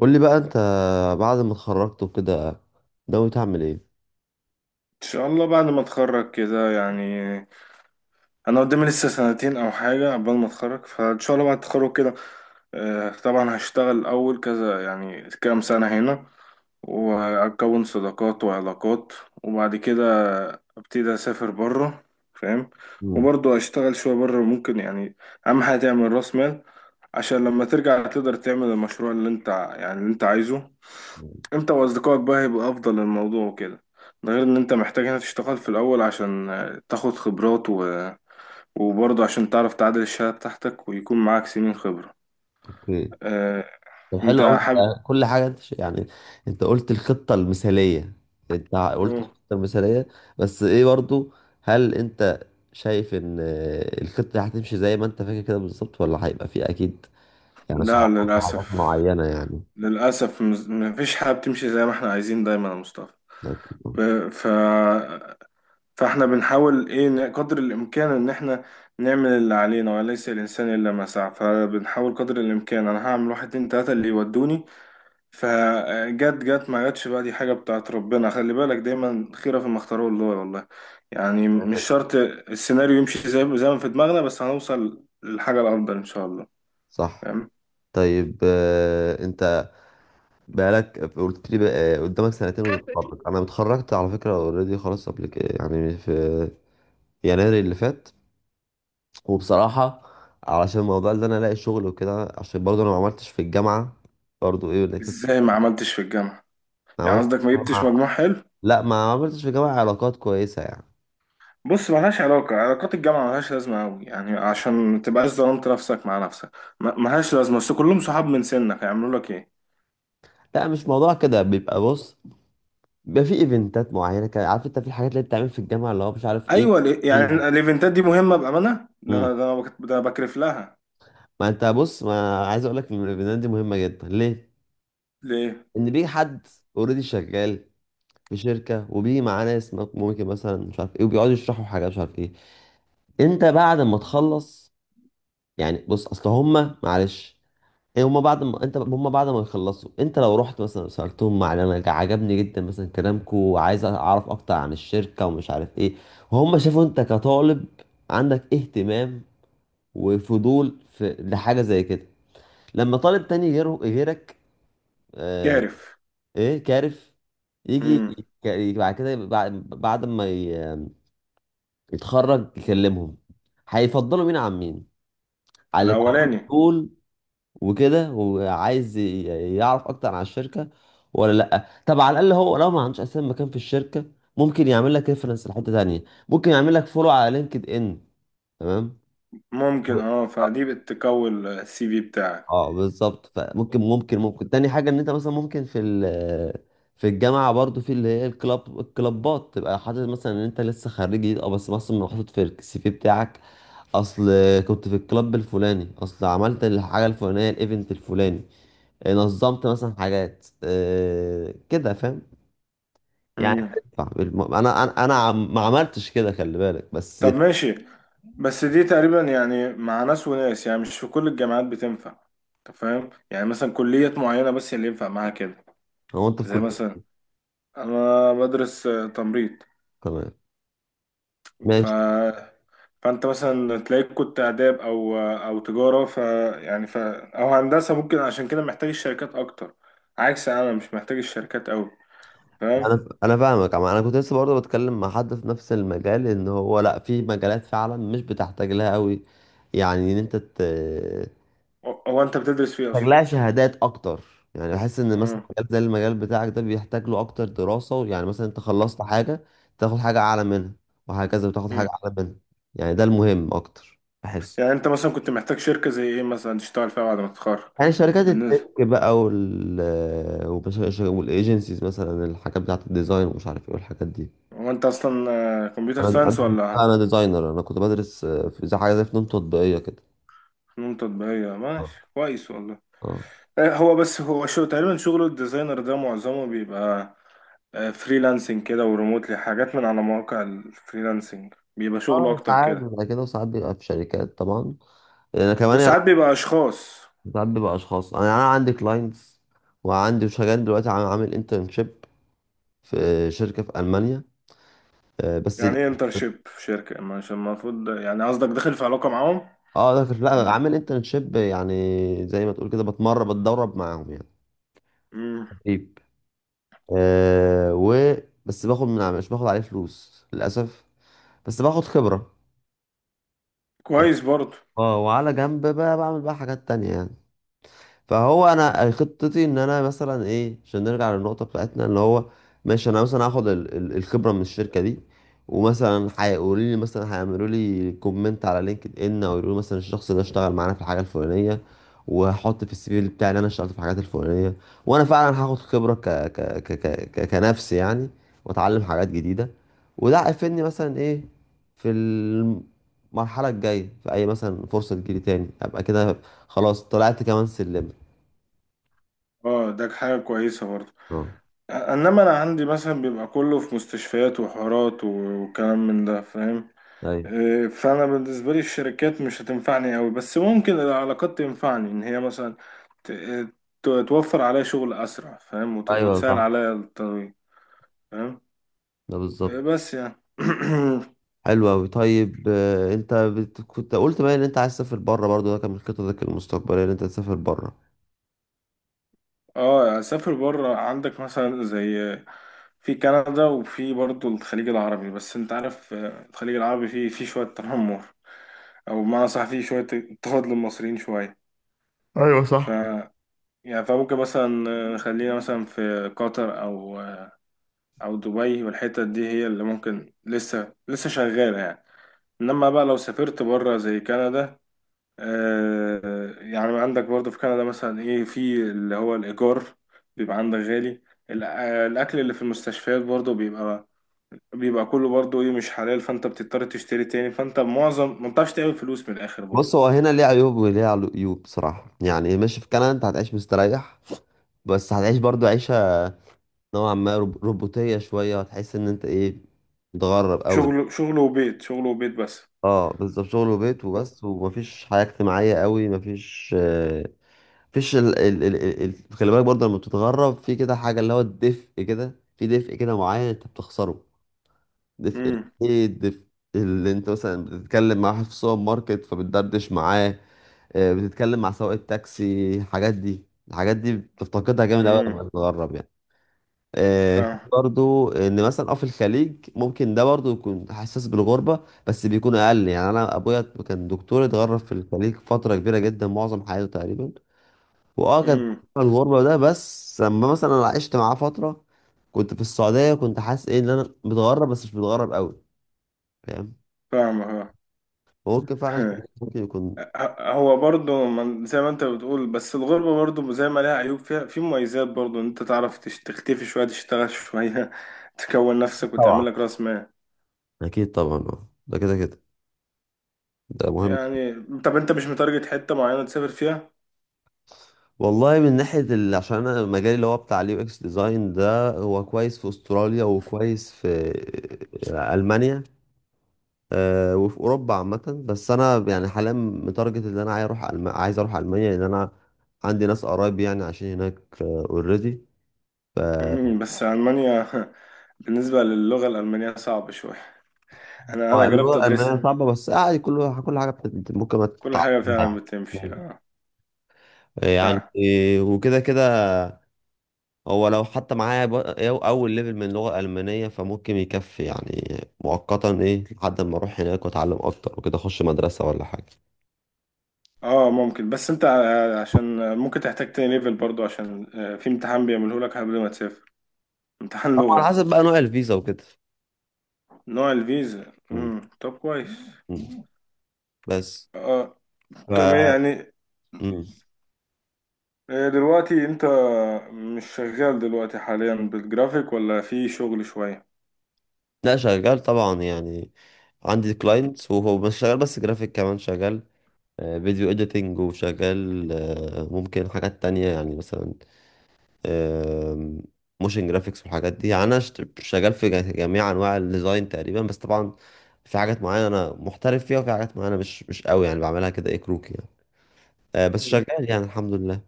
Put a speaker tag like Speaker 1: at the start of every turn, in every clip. Speaker 1: قول لي بقى، انت بعد ما اتخرجت وكده ناوي تعمل ايه؟
Speaker 2: ان شاء الله بعد ما اتخرج كده، يعني انا قدامي لسه سنتين او حاجه قبل ما اتخرج، فان شاء الله بعد التخرج كده. طبعا هشتغل اول كذا، يعني كام سنه هنا، واكون صداقات وعلاقات، وبعد كده ابتدي اسافر بره. فاهم؟
Speaker 1: مم.
Speaker 2: وبرضه اشتغل شويه بره ممكن، يعني اهم حاجه تعمل راس مال، عشان لما ترجع تقدر تعمل المشروع اللي انت عايزه. انت واصدقائك بقى هيبقى افضل للموضوع وكده. ده غير ان انت محتاج هنا تشتغل في الاول، عشان تاخد خبرات وبرضه عشان تعرف تعادل الشهادة بتاعتك، ويكون معاك سنين خبرة.
Speaker 1: اوكي.
Speaker 2: اه...
Speaker 1: طب، حلو
Speaker 2: انت
Speaker 1: قوي،
Speaker 2: حابب.
Speaker 1: انت كل حاجه انت يعني، انت قلت الخطه المثاليه انت قلت
Speaker 2: مم.
Speaker 1: الخطه المثاليه بس ايه برضو؟ هل انت شايف ان الخطه دي هتمشي زي ما انت فاكر كده بالظبط، ولا هيبقى في اكيد يعني
Speaker 2: لا،
Speaker 1: صعوبات في حاجات
Speaker 2: للاسف.
Speaker 1: معينه يعني؟
Speaker 2: للاسف مفيش حاجة بتمشي زي ما احنا عايزين دايما يا مصطفى.
Speaker 1: أكيد.
Speaker 2: ب- ف... فاحنا بنحاول ايه قدر الامكان ان احنا نعمل اللي علينا، وليس الانسان الا ما سعى، فبنحاول قدر الامكان. انا هعمل واحد اتنين تلاتة اللي يودوني. فجت، جت ما جتش بقى، دي حاجة بتاعت ربنا، خلي بالك دايما خيرة فيما اختاره الله والله. يعني مش
Speaker 1: كده،
Speaker 2: شرط السيناريو يمشي زي ما في دماغنا، بس هنوصل للحاجة الأفضل إن شاء الله.
Speaker 1: صح.
Speaker 2: فاهم؟
Speaker 1: طيب، انت بقالك قلت لي بقى قدامك سنتين وتتخرج. انا اتخرجت على فكره اوريدي خلاص قبل كده، يعني في يناير اللي فات. وبصراحه، علشان الموضوع اللي انا الاقي شغل وكده، عشان برضه انا ما عملتش في الجامعه. برضه ايه؟
Speaker 2: إزاي ما عملتش في الجامعة؟
Speaker 1: ما
Speaker 2: يعني
Speaker 1: عملتش في
Speaker 2: قصدك ما جبتش
Speaker 1: الجامعة-
Speaker 2: مجموع حلو؟
Speaker 1: لا، ما عملتش في الجامعه علاقات كويسه يعني.
Speaker 2: بص، ملهاش علاقة، علاقات الجامعة ملهاش لازمة أوي، يعني عشان ما تبقاش ظلمت نفسك مع نفسك. ملهاش لازمة، بس كلهم صحاب من سنك، هيعملوا لك إيه؟
Speaker 1: لا، مش موضوع كده بيبقى. بص، بيبقى في ايفنتات معينه كده، عارف انت، في الحاجات اللي بتعمل في الجامعه اللي هو مش عارف ايه.
Speaker 2: أيوة، ليه؟ يعني
Speaker 1: ايوه.
Speaker 2: الإيفنتات دي مهمة بأمانة؟ ده
Speaker 1: امم.
Speaker 2: أنا ده أنا بك- ده أنا بكرف لها.
Speaker 1: ما انت بص، ما عايز اقول لك ان الايفنتات دي مهمه جدا ليه.
Speaker 2: ليه؟
Speaker 1: ان بيجي حد اوريدي شغال في شركه، وبيجي معاه ناس ممكن مثلا مش عارف ايه، وبيقعدوا يشرحوا حاجه مش عارف ايه. انت بعد ما تخلص، يعني بص، اصل هما، معلش، ايه، هما بعد ما يخلصوا، انت لو رحت مثلا سالتهم عن، عجبني جدا مثلا كلامكم، وعايز اعرف اكتر عن الشركه ومش عارف ايه. وهم شافوا انت كطالب عندك اهتمام وفضول في لحاجه زي كده، لما طالب تاني غيره غيرك. آه.
Speaker 2: كارف.
Speaker 1: ايه، كارف. يجي،
Speaker 2: مم.
Speaker 1: بعد كده، بعد ما اتخرج يكلمهم. هيفضلوا مين عن مين؟ على اللي كان عنده
Speaker 2: الاولاني.
Speaker 1: طول وكده، وعايز يعرف اكتر عن الشركه ولا لا. طب على الاقل، هو لو ما عندوش اساسا مكان في الشركه، ممكن يعمل لك ريفرنس لحته تانيه، ممكن يعمل لك فولو على لينكد ان. تمام.
Speaker 2: ممكن
Speaker 1: و-
Speaker 2: فدي بتكون السي في بتاعك.
Speaker 1: اه، بالظبط. فممكن ممكن ممكن تاني حاجة، ان انت مثلا ممكن في الجامعة برضو، في اللي هي الكلابات، تبقى حاطط مثلا ان انت لسه خريج جديد، اه، بس مثلا حاطط في السي في بتاعك. اصل كنت في الكلاب الفلاني، اصل عملت الحاجة الفلانية، الايفنت الفلاني. نظمت مثلا حاجات، كده، فاهم، يعني
Speaker 2: مم.
Speaker 1: بتنفع. انا انا ما عملتش كده، خلي بالك، بس.
Speaker 2: طب ماشي، بس دي تقريبا يعني مع ناس وناس، يعني مش في كل الجامعات بتنفع. انت فاهم؟ يعني مثلا كليات معينة بس اللي ينفع معاها كده.
Speaker 1: هو انت في
Speaker 2: زي
Speaker 1: كل.
Speaker 2: مثلا انا بدرس تمريض.
Speaker 1: كمان.
Speaker 2: ف فانت مثلا تلاقيك كنت آداب او تجارة، يعني او هندسة ممكن، عشان كده محتاج الشركات اكتر. عكس انا، مش محتاج الشركات قوي. فاهم؟
Speaker 1: انا فاهمك انا كنت لسه برضه بتكلم مع حد في نفس المجال، ان هو لا، في مجالات فعلا مش بتحتاج لها قوي، يعني ان انت
Speaker 2: هو انت بتدرس فيه
Speaker 1: محتاج
Speaker 2: اصلا.
Speaker 1: لها شهادات اكتر. يعني بحس ان مثلا
Speaker 2: مم.
Speaker 1: مجال زي المجال بتاعك ده بيحتاج له اكتر دراسة. يعني مثلا انت خلصت حاجة، تاخد حاجة اعلى منها، وهكذا بتاخد حاجة اعلى منها. يعني ده المهم اكتر، بحس.
Speaker 2: يعني انت مثلا كنت محتاج شركة زي ايه مثلا تشتغل فيها بعد ما تتخرج؟
Speaker 1: يعني شركات
Speaker 2: بالنسبة.
Speaker 1: التك بقى، والايجنسيز مثلا، الحاجات بتاعت الديزاين ومش عارف ايه، والحاجات دي.
Speaker 2: هو انت اصلا كمبيوتر
Speaker 1: انا
Speaker 2: ساينس
Speaker 1: انا
Speaker 2: ولا
Speaker 1: انا ديزاينر. انا كنت بدرس في زي حاجه زي فنون تطبيقيه كده.
Speaker 2: فنون تطبيقية؟
Speaker 1: اه.
Speaker 2: ماشي، كويس والله.
Speaker 1: اه.
Speaker 2: هو بس هو شو تقريبا شغل الديزاينر ده؟ معظمه بيبقى فريلانسنج كده وريموتلي، حاجات من على مواقع الفريلانسنج، بيبقى شغله
Speaker 1: اه،
Speaker 2: اكتر
Speaker 1: ساعات
Speaker 2: كده.
Speaker 1: بيبقى كده، وساعات بيبقى في شركات طبعا. انا كمان يعني.
Speaker 2: وساعات بيبقى اشخاص.
Speaker 1: ساعات بيبقى اشخاص. انا عندي كلاينتس. وعندي شغال دلوقتي، عامل انترنشيب في شركه في المانيا، بس.
Speaker 2: يعني ايه انترشيب في شركة ما؟ عشان المفروض، يعني قصدك داخل في علاقة معاهم؟
Speaker 1: اه، لا، عامل انترنشيب، يعني زي ما تقول كده، بتمرن بتدرب معاهم يعني.
Speaker 2: مم.
Speaker 1: تدريب. آه و بس باخد مش باخد عليه فلوس للاسف، بس باخد خبره.
Speaker 2: كويس برضه.
Speaker 1: اه، وعلى جنب بقى، بعمل بقى حاجات تانية يعني. فهو انا، خطتي ان انا مثلا، ايه، عشان نرجع للنقطه بتاعتنا اللي هو، ماشي انا مثلا هاخد الخبره من الشركه دي. ومثلا هيقولوا لي، مثلا هيعملوا لي كومنت على لينكد ان، او يقولوا لي مثلا الشخص ده اشتغل معانا في الحاجه الفلانيه. وهحط في السي في بتاعي ان انا اشتغلت في الحاجات الفلانيه. وانا فعلا هاخد خبره كنفسي يعني، واتعلم حاجات جديده. وده هيفيدني مثلا، ايه، في المرحله الجايه، في اي مثلا فرصه تجيلي تاني، ابقى كده خلاص طلعت كمان سلم.
Speaker 2: اه، ده حاجة كويسة برضه.
Speaker 1: اه.
Speaker 2: انما انا عندي مثلا بيبقى كله في مستشفيات وحوارات وكلام من ده، فاهم؟
Speaker 1: ايوه.
Speaker 2: إيه، فانا بالنسبه لي الشركات مش هتنفعني قوي، بس ممكن العلاقات تنفعني، ان هي مثلا ت- توفر عليا شغل اسرع، فاهم؟
Speaker 1: ايوه،
Speaker 2: وتسهل
Speaker 1: صح.
Speaker 2: عليا الطريق. فاهم؟
Speaker 1: ده
Speaker 2: إيه،
Speaker 1: بالظبط.
Speaker 2: بس يعني
Speaker 1: حلو قوي. طيب، انت كنت قلت بقى ان انت عايز تسافر بره برضو، ده كان من خططك المستقبليه ان انت تسافر بره.
Speaker 2: اه، اسافر بره. عندك مثلا زي في كندا، وفي برضه الخليج العربي، بس انت عارف الخليج العربي فيه شويه تنمر، او بمعنى صح فيه شويه اضطهاد للمصريين شويه. ف يعني فممكن مثلا خلينا مثلا في قطر او دبي، والحتت دي هي اللي ممكن لسه لسه شغاله يعني. انما بقى لو سافرت بره زي كندا، يعني عندك برضو في كندا مثلا ايه، في اللي هو الايجار بيبقى عندك غالي. الأ- الاكل اللي في المستشفيات برضو بيبقى كله برضو ايه مش حلال، فانت بتضطر تشتري تاني، فانت معظم ما بتعرفش تعمل فلوس من الاخر برضو.
Speaker 1: بص، هو هنا ليه عيوب وليه عيوب، بصراحه يعني. ماشي في كندا انت هتعيش مستريح، بس هتعيش برضو عيشه نوعا ما روبوتيه شويه. هتحس ان انت، ايه، متغرب قوي.
Speaker 2: شغل، شغل وبيت، شغل وبيت بس.
Speaker 1: اه، بالظبط، شغل وبيت وبس، ومفيش حياه اجتماعيه قوي، مفيش آه، فيش ال... ال... ال... ال... ال- خلي بالك برضه، لما بتتغرب في كده حاجة، اللي هو الدفء كده، في دفء كده معين انت بتخسره. دفء
Speaker 2: امم.
Speaker 1: ايه، الدفء اللي انت مثلا بتتكلم مع واحد في السوبر ماركت فبتدردش معاه. بتتكلم مع سواق التاكسي. الحاجات دي بتفتقدها جامد قوي
Speaker 2: امم.
Speaker 1: لما تتغرب يعني. في برضو ان مثلا، اه، في الخليج ممكن ده برضو يكون حساس بالغربه، بس بيكون اقل. يعني انا ابويا كان دكتور، اتغرب في الخليج فتره كبيره جدا، معظم حياته تقريبا. واه، كانت
Speaker 2: فاهم.
Speaker 1: بره الغربة ده. بس لما مثلا أنا عشت معاه فترة، كنت في السعودية، كنت حاسس، ايه، ان انا متغرب بس مش متغرب قوي. فاهم.
Speaker 2: فاهمة.
Speaker 1: ممكن فعلا.
Speaker 2: ها.
Speaker 1: ممكن يكون.
Speaker 2: هو برضه زي ما انت بتقول، بس الغربة برضه زي ما لها عيوب فيها في مميزات برضه، ان انت تعرف تختفي شوية، تشتغل شوية، تكون نفسك،
Speaker 1: طبعا،
Speaker 2: وتعمل لك راس مال
Speaker 1: اكيد طبعا. اه، ده كده كده ده مهم.
Speaker 2: يعني. طب انت مش متارجت حتة معينة تسافر فيها؟
Speaker 1: والله، من ناحية عشان انا مجالي اللي هو بتاع الـUX ديزاين ده، هو كويس في استراليا وكويس في المانيا. وفي اوروبا عامة. بس انا يعني حاليا متارجت ان انا عايز اروح عايز اروح المانيا، لان انا عندي ناس قرايب يعني عايشين هناك اوريدي. ف
Speaker 2: مم، بس ألمانيا. بالنسبة للغة الألمانية صعبة شوية. أنا
Speaker 1: اللي هو،
Speaker 2: جربت
Speaker 1: أمانة
Speaker 2: أدرسها.
Speaker 1: صعبة، بس عادي. كل حاجة ممكن ما
Speaker 2: كل حاجة فعلا
Speaker 1: تتعلمها
Speaker 2: بتمشي، اه.
Speaker 1: يعني.
Speaker 2: فعلا.
Speaker 1: وكده كده. هو لو حتى معايا أول ليفل من اللغة الألمانية، فممكن يكفي يعني مؤقتا، إيه، لحد ما أروح هناك وأتعلم أكتر، وكده أخش مدرسة ولا حاجة.
Speaker 2: اه، ممكن، بس انت عشان ممكن تحتاج تاني ليفل برضو، عشان في امتحان بيعمله لك قبل ما تسافر. امتحان
Speaker 1: طبعا، على
Speaker 2: لغة.
Speaker 1: حسب بقى نوع الفيزا وكده.
Speaker 2: نوع الفيزا.
Speaker 1: مم.
Speaker 2: طب كويس.
Speaker 1: مم. بس،
Speaker 2: آه
Speaker 1: ف
Speaker 2: كمان يعني.
Speaker 1: مم.
Speaker 2: دلوقتي انت مش شغال دلوقتي حاليا بالجرافيك، ولا في شغل شوية؟
Speaker 1: لا، شغال طبعا يعني. عندي كلاينتس وهو مش شغال بس جرافيك كمان. شغال فيديو اديتنج، وشغال ممكن حاجات تانية يعني مثلا، موشن جرافيكس والحاجات دي. يعني انا شغال في جميع انواع الديزاين تقريبا، بس طبعا في حاجات معينة انا محترف فيها، وفي حاجات معينة مش قوي، يعني بعملها كده، ايه، كروكي يعني. بس
Speaker 2: مم.
Speaker 1: شغال يعني، الحمد لله.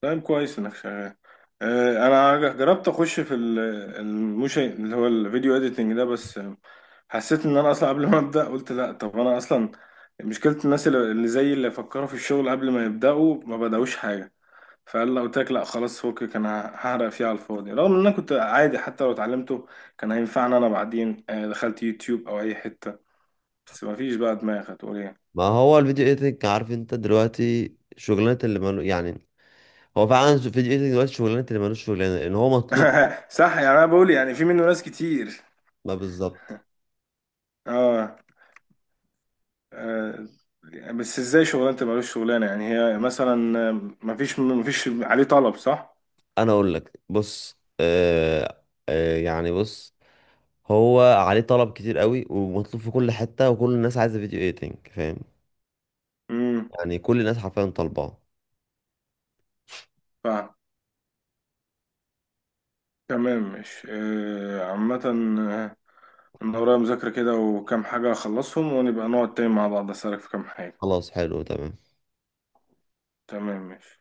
Speaker 2: طيب، كويس انك شغال. انا جربت اخش في الموشن اللي هو الفيديو اديتنج ده، بس حسيت ان انا اصلا قبل ما ابدا قلت لا، طب انا اصلا مشكلة الناس اللي زي اللي فكروا في الشغل قبل ما يبداوا ما بداوش حاجة. فقال لو قلت لك لا خلاص فكك، انا هحرق فيه على الفاضي، رغم ان انا كنت عادي حتى لو اتعلمته كان هينفعني انا بعدين. دخلت يوتيوب او اي حتة، بس مفيش بقى دماغ، هتقول ايه.
Speaker 1: ما هو الفيديو اديتنج، عارف انت، دلوقتي شغلانة اللي مالو يعني. هو فعلا الفيديو اديتنج دلوقتي شغلانة اللي مالوش شغلانة، لان هو مطلوب.
Speaker 2: صح، يعني انا بقول يعني في منه ناس كتير.
Speaker 1: ما بالظبط.
Speaker 2: اه آه، بس ازاي شغلانة تبقى ملوش شغلانة؟ يعني هي مثلا مفيش عليه طلب، صح؟
Speaker 1: انا اقول لك، بص، يعني، بص، هو عليه طلب كتير قوي، ومطلوب في كل حتة، وكل الناس عايزة فيديو ايديتنج، فاهم.
Speaker 2: امم
Speaker 1: يعني كل الناس حرفيا طالباه.
Speaker 2: فاهم. تمام، مش عامة. آه، انا ورايا مذاكرة كده وكام حاجة اخلصهم، ونبقى نقعد تاني مع بعض، اسألك في كام حاجة.
Speaker 1: خلاص، حلو، تمام.
Speaker 2: تمام، ماشي.